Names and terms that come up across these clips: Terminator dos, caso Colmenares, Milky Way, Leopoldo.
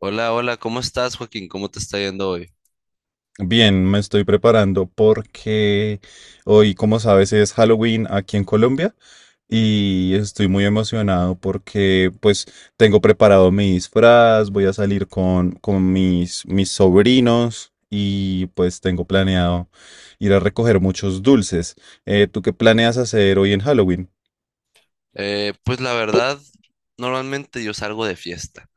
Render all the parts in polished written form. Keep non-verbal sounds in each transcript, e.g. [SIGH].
Hola, hola, ¿cómo estás, Joaquín? ¿Cómo te está yendo hoy? Bien, me estoy preparando porque hoy, como sabes, es Halloween aquí en Colombia y estoy muy emocionado porque pues tengo preparado mi disfraz, voy a salir con mis sobrinos y pues tengo planeado ir a recoger muchos dulces. ¿Tú qué planeas hacer hoy en Halloween? Pues la verdad, normalmente yo salgo de fiesta,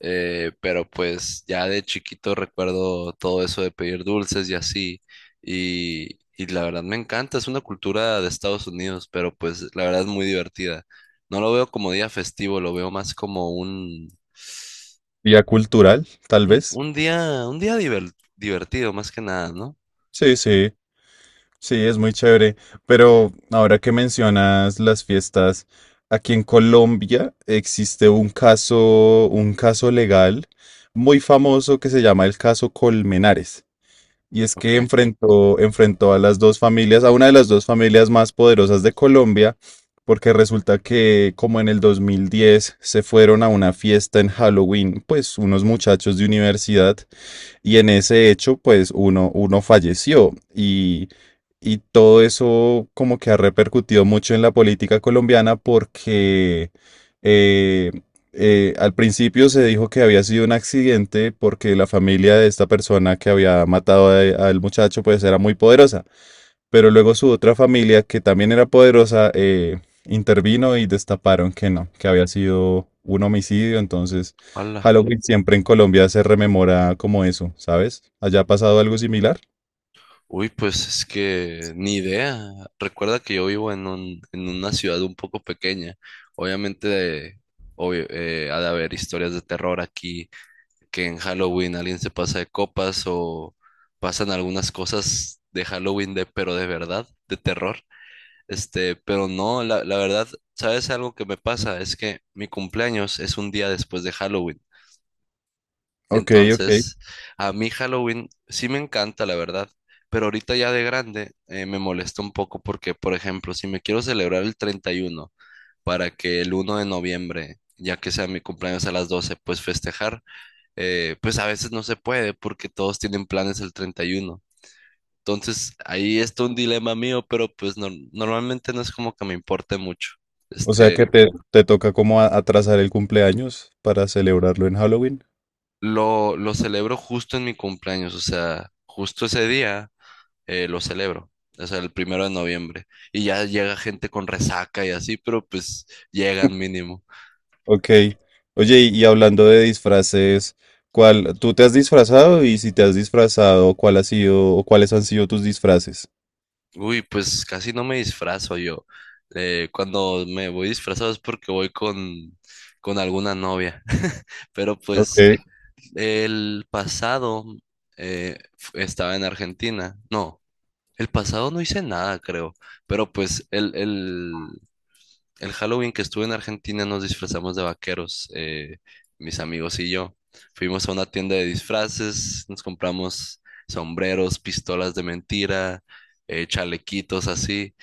pero pues ya de chiquito recuerdo todo eso de pedir dulces y así, y la verdad me encanta, es una cultura de Estados Unidos, pero pues la verdad es muy divertida. No lo veo como día festivo, lo veo más como un, ¿Vía cultural, tal un, vez? un día, un día diver- divertido, más que nada, ¿no? Sí, sí. Sí, es muy chévere, pero ahora que mencionas las fiestas, aquí en Colombia existe un caso legal muy famoso que se llama el caso Colmenares. Y es Ok. que enfrentó a las dos familias, a una de las dos familias más poderosas de Colombia, porque resulta que como en el 2010 se fueron a una fiesta en Halloween, pues unos muchachos de universidad, y en ese hecho, pues uno falleció y todo eso como que ha repercutido mucho en la política colombiana porque eh, al principio se dijo que había sido un accidente porque la familia de esta persona que había matado al muchacho pues era muy poderosa, pero luego su otra familia que también era poderosa intervino y destaparon que no, que había sido un homicidio. Entonces Hola. Halloween siempre en Colombia se rememora como eso, ¿sabes? ¿Allá ha pasado algo similar? Uy, pues es que ni idea. Recuerda que yo vivo en una ciudad un poco pequeña. Obviamente, obvio, ha de haber historias de terror aquí, que en Halloween alguien se pasa de copas o pasan algunas cosas de Halloween pero de verdad, de terror. Pero no, la verdad, ¿sabes algo que me pasa? Es que mi cumpleaños es un día después de Halloween. Ok, ok. Entonces, a mí Halloween sí me encanta, la verdad, pero ahorita ya de grande me molesta un poco porque, por ejemplo, si me quiero celebrar el 31 para que el 1 de noviembre, ya que sea mi cumpleaños a las 12 pues festejar, pues a veces no se puede porque todos tienen planes el 31. Entonces, ahí está un dilema mío, pero pues normalmente no es como que me importe mucho. O sea que Este, te toca como atrasar el cumpleaños para celebrarlo en Halloween. lo celebro justo en mi cumpleaños, o sea, justo ese día lo celebro. O sea, el 1.º de noviembre. Y ya llega gente con resaca y así, pero pues llegan mínimo. Ok. Oye, y hablando de disfraces, tú te has disfrazado y si te has disfrazado, ¿cuál ha sido o cuáles han sido tus disfraces? Uy, pues casi no me disfrazo yo. Cuando me voy disfrazado es porque voy con alguna novia. [LAUGHS] Pero Ok. pues Ok, el pasado estaba en Argentina. No, el pasado no hice nada, creo. Pero pues el Halloween que estuve en Argentina nos disfrazamos de vaqueros, mis amigos y yo. Fuimos a una tienda de disfraces, nos compramos sombreros, pistolas de mentira, chalequitos así,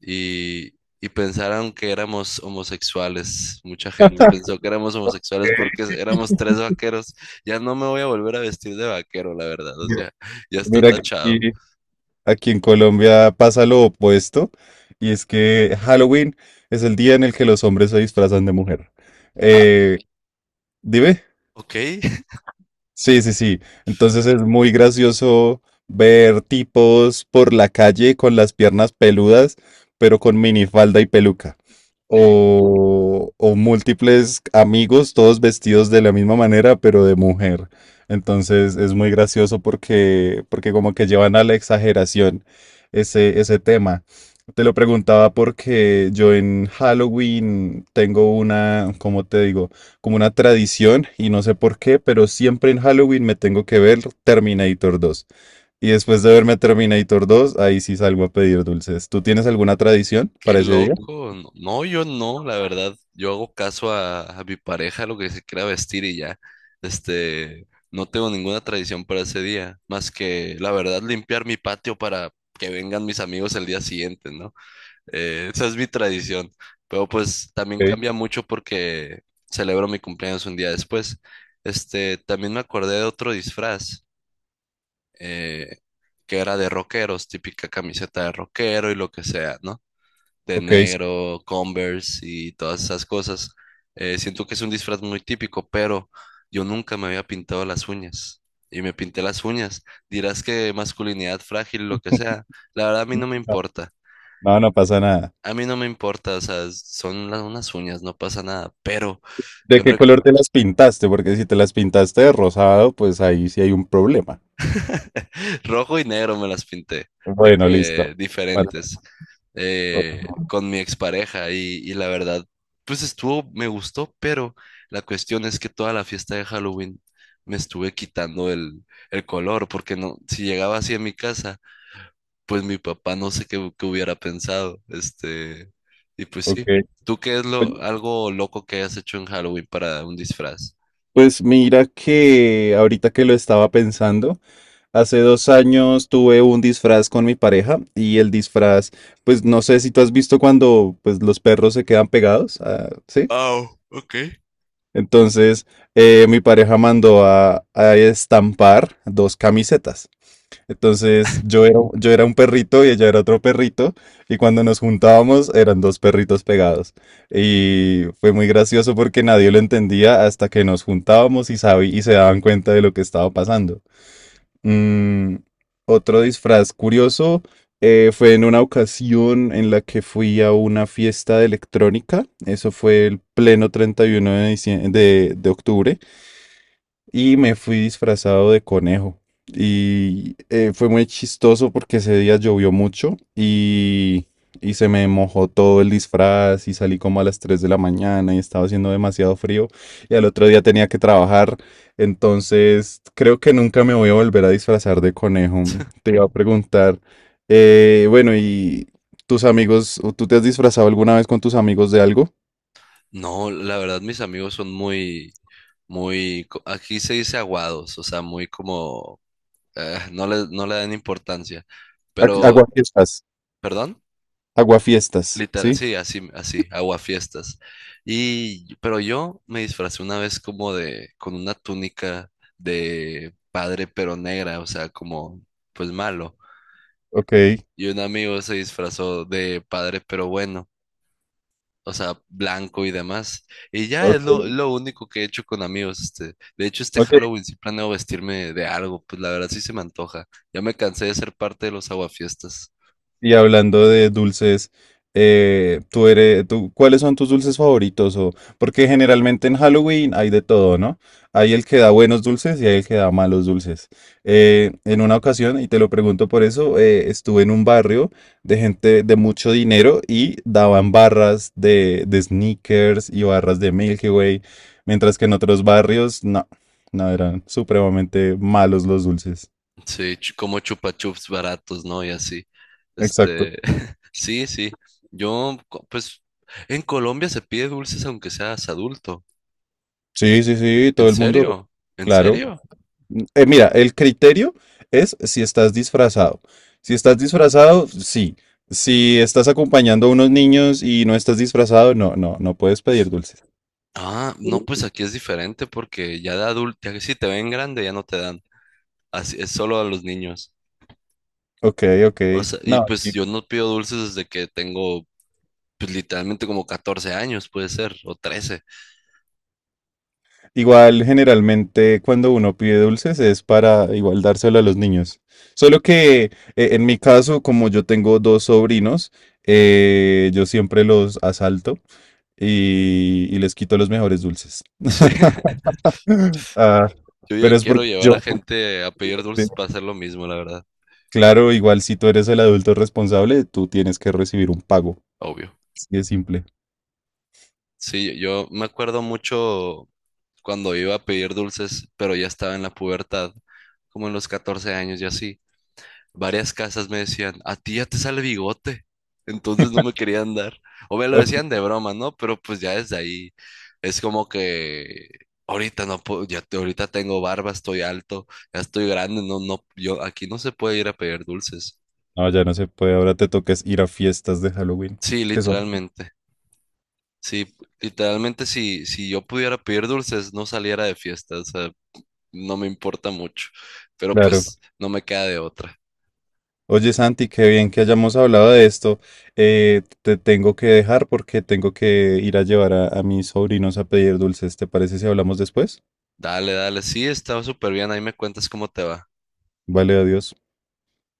y, y pensaron que éramos homosexuales. Mucha gente pensó que éramos homosexuales porque éramos tres vaqueros. Ya no me voy a volver a vestir de vaquero, la verdad, o mira. sea, ya está Mira que tachado. aquí en Colombia pasa lo opuesto, y es que Halloween es el día en el que los hombres se disfrazan de mujer. Ah, Eh, Dime. ok. [LAUGHS] Sí, sí, sí. Entonces es muy gracioso ver tipos por la calle con las piernas peludas, pero con minifalda y peluca. O múltiples amigos, todos vestidos de la misma manera, pero de mujer. Entonces es muy gracioso porque, como que llevan a la exageración ese tema. Te lo preguntaba porque yo en Halloween tengo una, ¿cómo te digo? Como una tradición, y no sé por qué, pero siempre en Halloween me tengo que ver Terminator 2. Y después de verme Terminator 2 ahí sí salgo a pedir dulces. ¿Tú tienes alguna tradición Qué para ese día? loco. No, no, yo no, la verdad. Yo hago caso a mi pareja, lo que se quiera vestir y ya. No tengo ninguna tradición para ese día, más que, la verdad, limpiar mi patio para que vengan mis amigos el día siguiente, ¿no? Esa es mi tradición. Pero pues también Ok, cambia mucho porque celebro mi cumpleaños un día después. También me acordé de otro disfraz, eh, que era de rockeros, típica camiseta de rockero y lo que sea, ¿no? De ok, sí. negro, Converse y todas esas cosas. Siento que es un disfraz muy típico, pero yo nunca me había pintado las uñas y me pinté las uñas. Dirás que masculinidad frágil, lo que sea. La verdad a mí No, no me no, importa. no pasa nada. A mí no me importa, o sea, son unas uñas, no pasa nada. Pero ¿De yo qué color te las pintaste? Porque si te las pintaste de rosado, pues ahí sí hay un problema. rojo y negro me las pinté, de Bueno, que listo. Bueno, diferentes, o- con mi expareja y la verdad, pues estuvo, me gustó, pero la cuestión es que toda la fiesta de Halloween me estuve quitando el color, porque no, si llegaba así a mi casa, pues mi papá no sé qué hubiera pensado, y pues ok. sí. ¿Tú qué es Pues algo loco que hayas hecho en Halloween para un disfraz? pues mira que ahorita que lo estaba pensando, hace 2 años tuve un disfraz con mi pareja y el disfraz, pues no sé si tú has visto cuando pues, los perros se quedan pegados. Ah, ¿sí? Oh, ok. Entonces mi pareja mandó a estampar dos camisetas. Entonces yo era un perrito y ella era otro perrito y cuando nos juntábamos eran dos perritos pegados. Y fue muy gracioso porque nadie lo entendía hasta que nos juntábamos y se daban cuenta de lo que estaba pasando. Mm, Otro disfraz curioso fue en una ocasión en la que fui a una fiesta de electrónica. Eso fue el pleno 31 de octubre y me fui disfrazado de conejo. Y fue muy chistoso porque ese día llovió mucho y se me mojó todo el disfraz y salí como a las 3 de la mañana y estaba haciendo demasiado frío y al otro día tenía que trabajar. Entonces creo que nunca me voy a volver a disfrazar de conejo. Te iba a preguntar, bueno, ¿y tus amigos, o tú te has disfrazado alguna vez con tus amigos de algo? No, la verdad, mis amigos son muy, muy, aquí se dice aguados, o sea, muy como, no le dan importancia, pero, Aguafiestas, perdón, aguafiestas, literal, ¿sí? sí, así, así, aguafiestas. Y, pero yo me disfracé una vez como con una túnica de padre pero negra, o sea, como, pues malo. Ok, Y un amigo se disfrazó de padre pero bueno. O sea, blanco y demás. Y ya ok. es lo único que he hecho con amigos. De hecho, este Ok, Halloween sí planeo vestirme de algo, pues la verdad sí se me antoja. Ya me cansé de ser parte de los aguafiestas. y hablando de dulces, ¿cuáles son tus dulces favoritos? Porque generalmente en Halloween hay de todo, ¿no? Hay el que da buenos dulces y hay el que da malos dulces. En una ocasión, y te lo pregunto por eso, estuve en un barrio de gente de mucho dinero y daban barras de sneakers y barras de Milky Way, mientras que en otros barrios, no, no, eran supremamente malos los dulces. Sí, como chupa chups baratos, ¿no? Y así. Exacto. Este, [LAUGHS] sí, sí. Pues, en Colombia se pide dulces aunque seas adulto. Sí, sí, sí, ¿En todo el mundo, serio? ¿En claro. serio? Mira, el criterio es si estás disfrazado. Si estás disfrazado, sí. Si estás acompañando a unos niños y no estás disfrazado, no, no, no puedes pedir dulces. Ah, no, pues aquí es diferente porque ya de adulto, ya que si te ven grande ya no te dan. Así es solo a los niños. Ok, ok. O sea, y No, pues yo no pido dulces desde que tengo, pues literalmente como 14 años, puede ser, o 13. [LAUGHS] igual generalmente cuando uno pide dulces es para igual dárselo a los niños. Solo que en mi caso, como yo tengo dos sobrinos, yo siempre los asalto y les quito los mejores dulces. Sí, Ah, yo ya pero es quiero porque llevar a yo. gente a pedir dulces para hacer lo mismo, la verdad, Claro, igual si tú eres el adulto responsable, tú tienes que recibir un pago. obvio. Así de simple. Sí, yo me acuerdo mucho cuando iba a pedir dulces, pero ya estaba en la pubertad, como en los 14 años y así. Varias casas me decían, a ti ya te sale bigote, entonces no me querían dar. O me lo Ok. decían de broma, ¿no? Pero pues ya desde ahí es como que ahorita no puedo, ya ahorita tengo barba, estoy alto, ya estoy grande, no, no, yo aquí no se puede ir a pedir dulces. No, ya no se puede. Ahora te toques ir a fiestas de Halloween. Sí, ¿Qué son? literalmente. Sí, literalmente si yo pudiera pedir dulces, no saliera de fiesta, o sea, no me importa mucho, pero Claro. pues no me queda de otra. Oye, Santi, qué bien que hayamos hablado de esto. Te tengo que dejar porque tengo que ir a llevar a mis sobrinos a pedir dulces. ¿Te parece si hablamos después? Dale, dale, sí, está súper bien, ahí me cuentas cómo te va. Vale, adiós.